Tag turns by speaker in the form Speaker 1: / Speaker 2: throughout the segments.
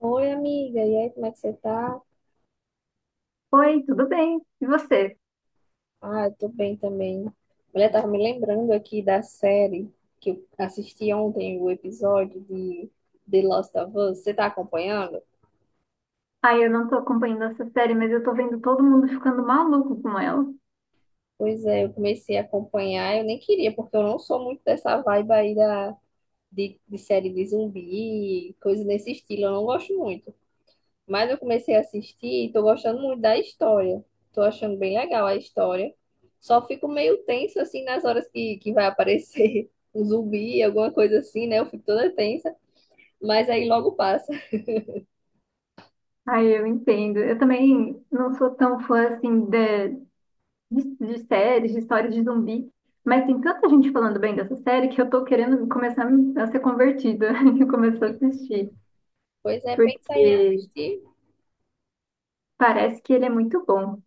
Speaker 1: Oi, amiga. E aí, como é que você tá?
Speaker 2: Oi, tudo bem? E você?
Speaker 1: Ah, eu tô bem também. Mulher, tava me lembrando aqui da série que eu assisti ontem, o episódio de The Last of Us. Você tá acompanhando?
Speaker 2: Ai, eu não tô acompanhando essa série, mas eu tô vendo todo mundo ficando maluco com ela.
Speaker 1: Pois é, eu comecei a acompanhar. Eu nem queria, porque eu não sou muito dessa vibe aí da, de série de zumbi, coisa nesse estilo. Eu não gosto muito. Mas eu comecei a assistir e tô gostando muito da história. Tô achando bem legal a história. Só fico meio tenso assim nas horas que vai aparecer um zumbi, alguma coisa assim, né? Eu fico toda tensa, mas aí logo passa.
Speaker 2: Ai, eu entendo. Eu também não sou tão fã, assim, de séries, de histórias de zumbi, mas tem tanta gente falando bem dessa série que eu tô querendo começar a ser convertida e começar a assistir,
Speaker 1: Pois é, pensa em
Speaker 2: porque
Speaker 1: assistir.
Speaker 2: parece que ele é muito bom.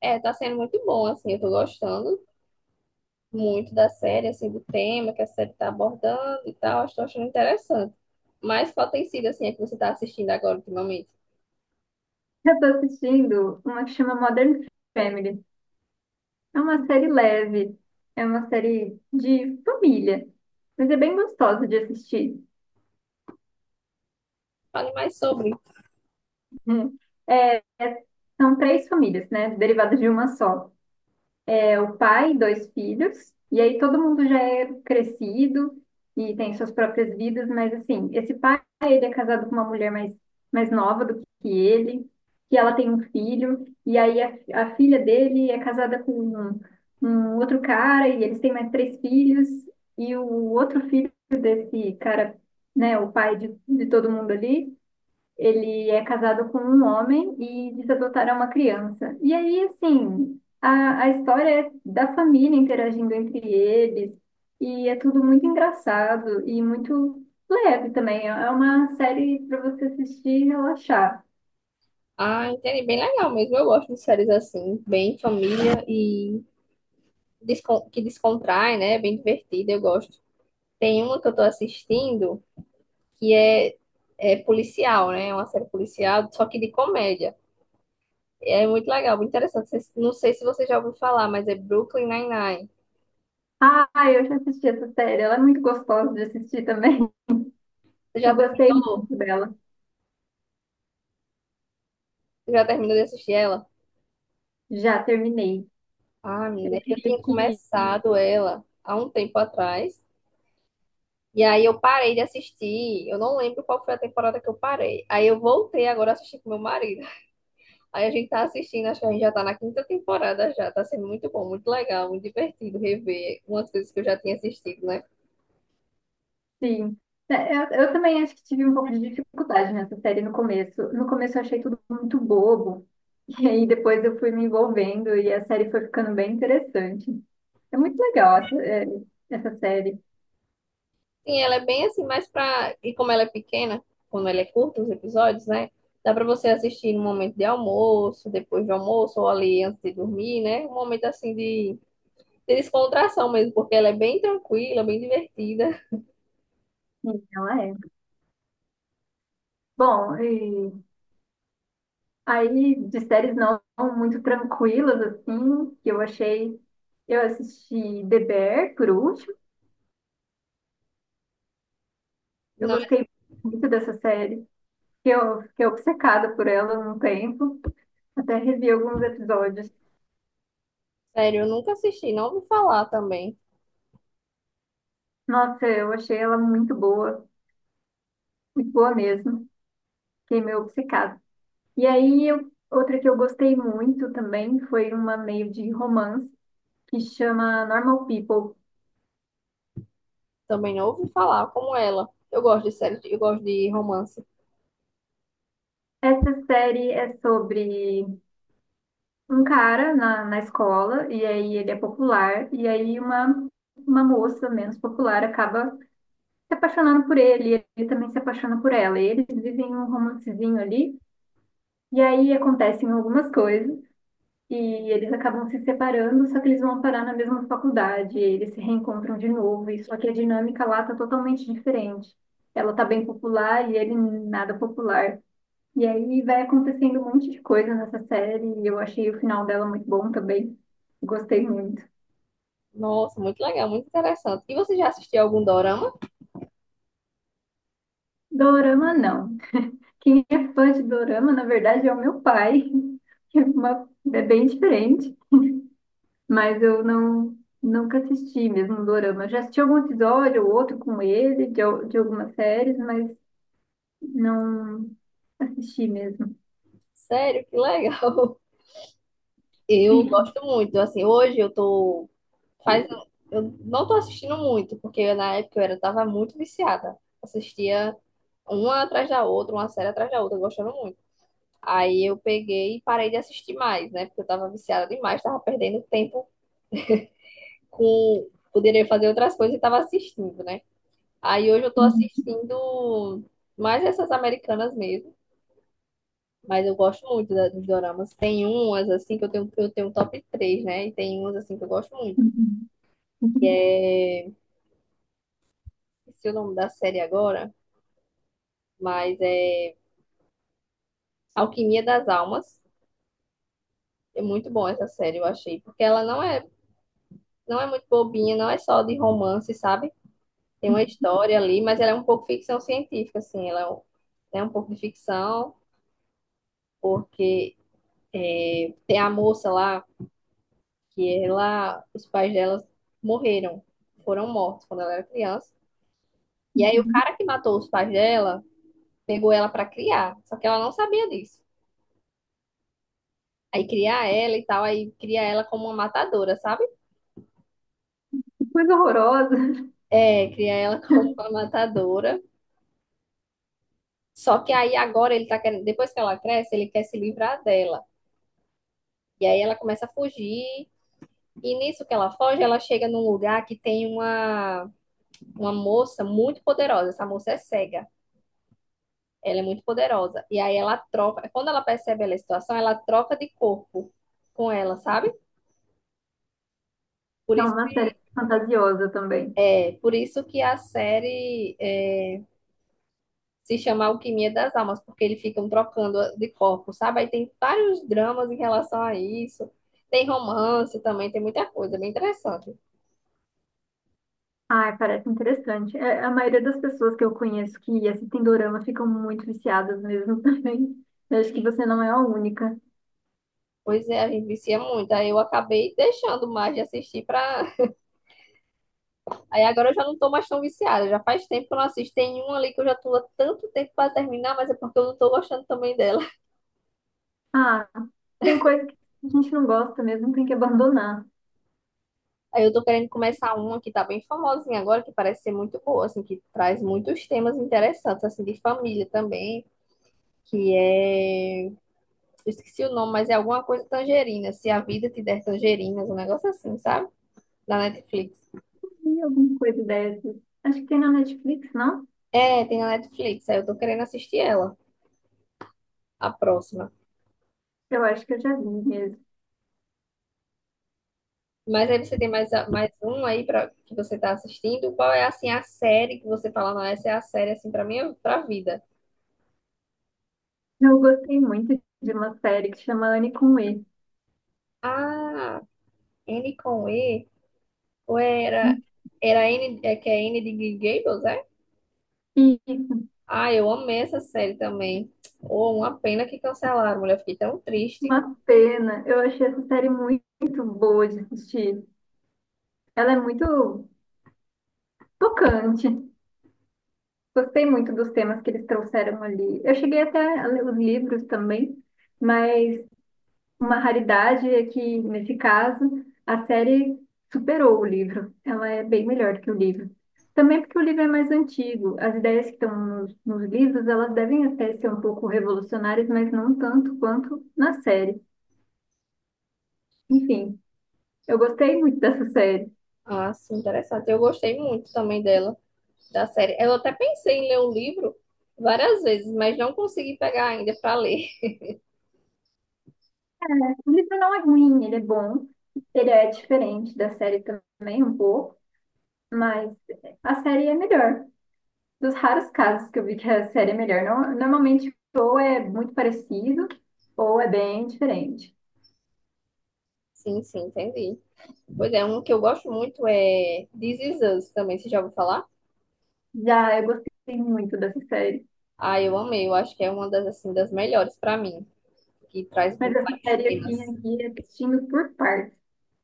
Speaker 1: É, tá sendo muito bom, assim, eu tô gostando muito da série, assim, do tema que a série tá abordando e tal. Estou achando interessante. Mas qual tem sido, assim, a que você tá assistindo agora ultimamente?
Speaker 2: Eu tô assistindo uma que chama Modern Family. É uma série leve, é uma série de família, mas é bem gostosa de assistir.
Speaker 1: Fale mais sobre.
Speaker 2: Hum. É, é- São três famílias, né? Derivadas de uma só. É o pai e dois filhos, e aí todo mundo já é crescido e tem suas próprias vidas, mas assim, esse pai, ele é casado com uma mulher mais nova do que ele, que ela tem um filho, e aí a filha dele é casada com um outro cara, e eles têm mais três filhos, e o outro filho desse cara, né, o pai de todo mundo ali, ele é casado com um homem e diz adotar uma criança. E aí, assim, a história é da família interagindo entre eles, e é tudo muito engraçado e muito leve também. É uma série para você assistir e relaxar.
Speaker 1: Ah, entendi. Bem legal mesmo. Eu gosto de séries assim, bem família e que descontrai, né? Bem divertida, eu gosto. Tem uma que eu tô assistindo que é, é policial, né? É uma série policial, só que de comédia. É muito legal, muito interessante. Não sei se você já ouviu falar, mas é Brooklyn Nine-Nine.
Speaker 2: Ah, eu já assisti essa série, ela é muito gostosa de assistir também.
Speaker 1: Você já
Speaker 2: Eu gostei muito
Speaker 1: terminou?
Speaker 2: dela.
Speaker 1: Você já terminou de assistir ela?
Speaker 2: Já terminei.
Speaker 1: Ah,
Speaker 2: Eu
Speaker 1: menina, eu
Speaker 2: queria
Speaker 1: tinha
Speaker 2: que...
Speaker 1: começado ela há um tempo atrás. E aí eu parei de assistir. Eu não lembro qual foi a temporada que eu parei. Aí eu voltei agora a assistir com meu marido. Aí a gente tá assistindo, acho que a gente já tá na quinta temporada já. Tá sendo muito bom, muito legal, muito divertido rever umas coisas que eu já tinha assistido, né?
Speaker 2: Sim. É, eu também acho que tive um pouco de dificuldade nessa série no começo. No começo eu achei tudo muito bobo. E aí depois eu fui me envolvendo e a série foi ficando bem interessante. É muito legal essa série.
Speaker 1: Sim, ela é bem assim, mas pra. E como ela é pequena, como ela é curta, os episódios, né? Dá pra você assistir no momento de almoço, depois do almoço, ou ali antes de dormir, né? Um momento assim de descontração mesmo, porque ela é bem tranquila, bem divertida.
Speaker 2: Sim, ela é. Bom, e aí de séries não muito tranquilas, assim, que eu achei. Eu assisti The Bear, por último. Eu gostei muito dessa série. Que Eu fiquei obcecada por ela num tempo. Até revi alguns episódios.
Speaker 1: Sério, eu nunca assisti, não ouvi falar também.
Speaker 2: Nossa, eu achei ela muito boa mesmo. Fiquei meio obcecada. E aí, outra que eu gostei muito também foi uma meio de romance que chama Normal People.
Speaker 1: Também não ouvi falar como ela. Eu gosto de série, eu gosto de romance.
Speaker 2: Essa série é sobre um cara na escola, e aí ele é popular, e aí uma moça menos popular acaba se apaixonando por ele, e ele também se apaixona por ela. E eles vivem um romancezinho ali, e aí acontecem algumas coisas. E eles acabam se separando, só que eles vão parar na mesma faculdade, eles se reencontram de novo, e só que a dinâmica lá tá totalmente diferente. Ela tá bem popular e ele nada popular. E aí vai acontecendo um monte de coisa nessa série, e eu achei o final dela muito bom também. Gostei muito.
Speaker 1: Nossa, muito legal, muito interessante. E você já assistiu algum dorama?
Speaker 2: Dorama não. Quem é fã de Dorama, na verdade, é o meu pai, que é, uma, é bem diferente. Mas eu não nunca assisti mesmo um dorama. Eu já assisti algum episódio ou outro com ele, de algumas séries, mas não assisti mesmo.
Speaker 1: Sério, que legal. Eu gosto muito. Assim, hoje eu tô faz eu não tô assistindo muito, porque na época eu era tava muito viciada. Assistia uma atrás da outra, uma série atrás da outra, gostando muito. Aí eu peguei e parei de assistir mais, né? Porque eu tava viciada demais, tava perdendo tempo com poderia fazer outras coisas e tava assistindo, né? Aí hoje eu tô assistindo mais essas americanas mesmo, mas eu gosto muito dos doramas. Tem umas assim que eu tenho um top 3 né? E tem umas assim que eu gosto muito,
Speaker 2: Que
Speaker 1: que é, esqueci o nome da série agora, mas é Alquimia das Almas. É muito bom essa série, eu achei, porque ela não é muito bobinha, não é só de romance, sabe? Tem uma história ali, mas ela é um pouco ficção científica, assim, ela é um pouco de ficção, porque tem a moça lá, que ela, os pais dela morreram, foram mortos quando ela era criança. E aí o cara que matou os pais dela pegou ela pra criar, só que ela não sabia disso. Aí criar ela e tal, aí cria ela como uma matadora, sabe?
Speaker 2: coisa horrorosa.
Speaker 1: É, cria ela como uma matadora. Só que aí agora ele tá querendo, depois que ela cresce, ele quer se livrar dela. E aí ela começa a fugir. E nisso que ela foge, ela chega num lugar que tem uma moça muito poderosa. Essa moça é cega. Ela é muito poderosa. E aí ela troca, quando ela percebe a situação, ela troca de corpo com ela, sabe? Por
Speaker 2: Não,
Speaker 1: isso,
Speaker 2: uma série fantasiosa também.
Speaker 1: é, por isso que a série é, se chama Alquimia das Almas, porque eles ficam trocando de corpo, sabe? Aí tem vários dramas em relação a isso. Tem romance também, tem muita coisa, é bem interessante.
Speaker 2: Ai, parece interessante. É, a maioria das pessoas que eu conheço que assistem dorama ficam muito viciadas mesmo também. Eu acho que você não é a única.
Speaker 1: Pois é, a gente vicia muito. Aí eu acabei deixando mais de assistir pra. Aí agora eu já não tô mais tão viciada. Já faz tempo que eu não assisto. Tem um ali que eu já tô há tanto tempo pra terminar, mas é porque eu não tô gostando também dela.
Speaker 2: Ah, tem coisa que a gente não gosta mesmo, tem que abandonar.
Speaker 1: Aí eu tô querendo começar uma que tá bem famosinha agora, que parece ser muito boa, assim, que traz muitos temas interessantes, assim, de família também, que é... eu esqueci o nome, mas é alguma coisa tangerina, se a vida te der tangerinas, um negócio assim, sabe? Na Netflix.
Speaker 2: E alguma coisa dessas. Acho que tem na Netflix, não?
Speaker 1: É, tem na Netflix, aí eu tô querendo assistir ela, a próxima.
Speaker 2: Eu acho que eu já vi mesmo.
Speaker 1: Mas aí você tem mais, mais um aí pra, que você tá assistindo? Qual é, assim, a série que você fala, não, essa é a série, assim, pra mim, pra vida?
Speaker 2: Eu gostei muito de uma série que chama Anne com E.
Speaker 1: Ah, N com E. Ou era, era N, é que é N de Green Gables, é?
Speaker 2: E
Speaker 1: Ah, eu amei essa série também. Oh, uma pena que cancelaram, mulher. Fiquei tão triste.
Speaker 2: uma pena, eu achei essa série muito boa de assistir. Ela é muito tocante. Gostei muito dos temas que eles trouxeram ali. Eu cheguei até a ler os livros também, mas... Uma raridade é que, nesse caso, a série superou o livro. Ela é bem melhor do que o livro. Também porque o livro é mais antigo. As ideias que estão nos livros, elas devem até ser um pouco revolucionárias, mas não tanto quanto na série. Enfim, eu gostei muito dessa série.
Speaker 1: Ah, sim, interessante. Eu gostei muito também dela, da série. Eu até pensei em ler o livro várias vezes, mas não consegui pegar ainda para ler.
Speaker 2: O livro não é ruim, ele é bom. Ele é diferente da série também, um pouco, mas a série é melhor. Dos raros casos que eu vi que a série é melhor. Normalmente, ou é muito parecido, ou é bem diferente.
Speaker 1: Sim, sim, entendi. Pois é, um que eu gosto muito é This Is Us também, você já ouviu falar?
Speaker 2: Já eu gostei muito dessa série.
Speaker 1: Ah, eu amei, eu acho que é uma das, assim, das melhores para mim, que traz
Speaker 2: A
Speaker 1: vários
Speaker 2: série eu
Speaker 1: temas.
Speaker 2: tinha aqui é assistindo por partes,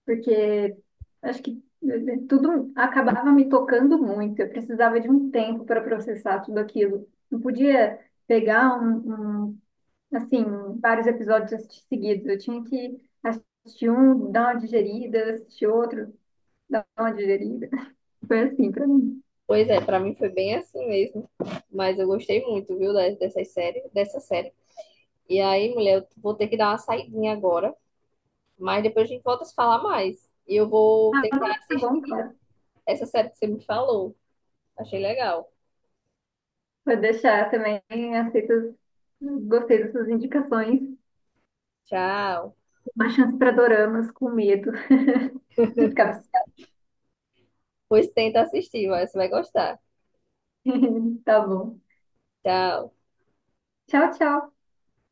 Speaker 2: porque acho que tudo acabava me tocando muito. Eu precisava de um tempo para processar tudo aquilo. Não podia pegar um, assim, vários episódios e assistir seguidos. Eu tinha que assistir um, dar uma digerida, assistir outro, dar uma digerida. Foi assim pra mim.
Speaker 1: Pois é, pra mim foi bem assim mesmo. Mas eu gostei muito, viu, dessas séries, dessa série. E aí, mulher, eu vou ter que dar uma saidinha agora, mas depois a gente volta a se falar mais. E eu vou
Speaker 2: Ah,
Speaker 1: tentar
Speaker 2: bom, tá bom,
Speaker 1: assistir
Speaker 2: cara.
Speaker 1: essa série que você me falou. Achei legal.
Speaker 2: Vou deixar também, aceito, gostei das suas indicações.
Speaker 1: Tchau.
Speaker 2: Uma chance pra doramas com medo de ficar viciada.
Speaker 1: Pois tenta assistir, vai, você vai gostar.
Speaker 2: Tá bom.
Speaker 1: Tchau.
Speaker 2: Tchau, tchau.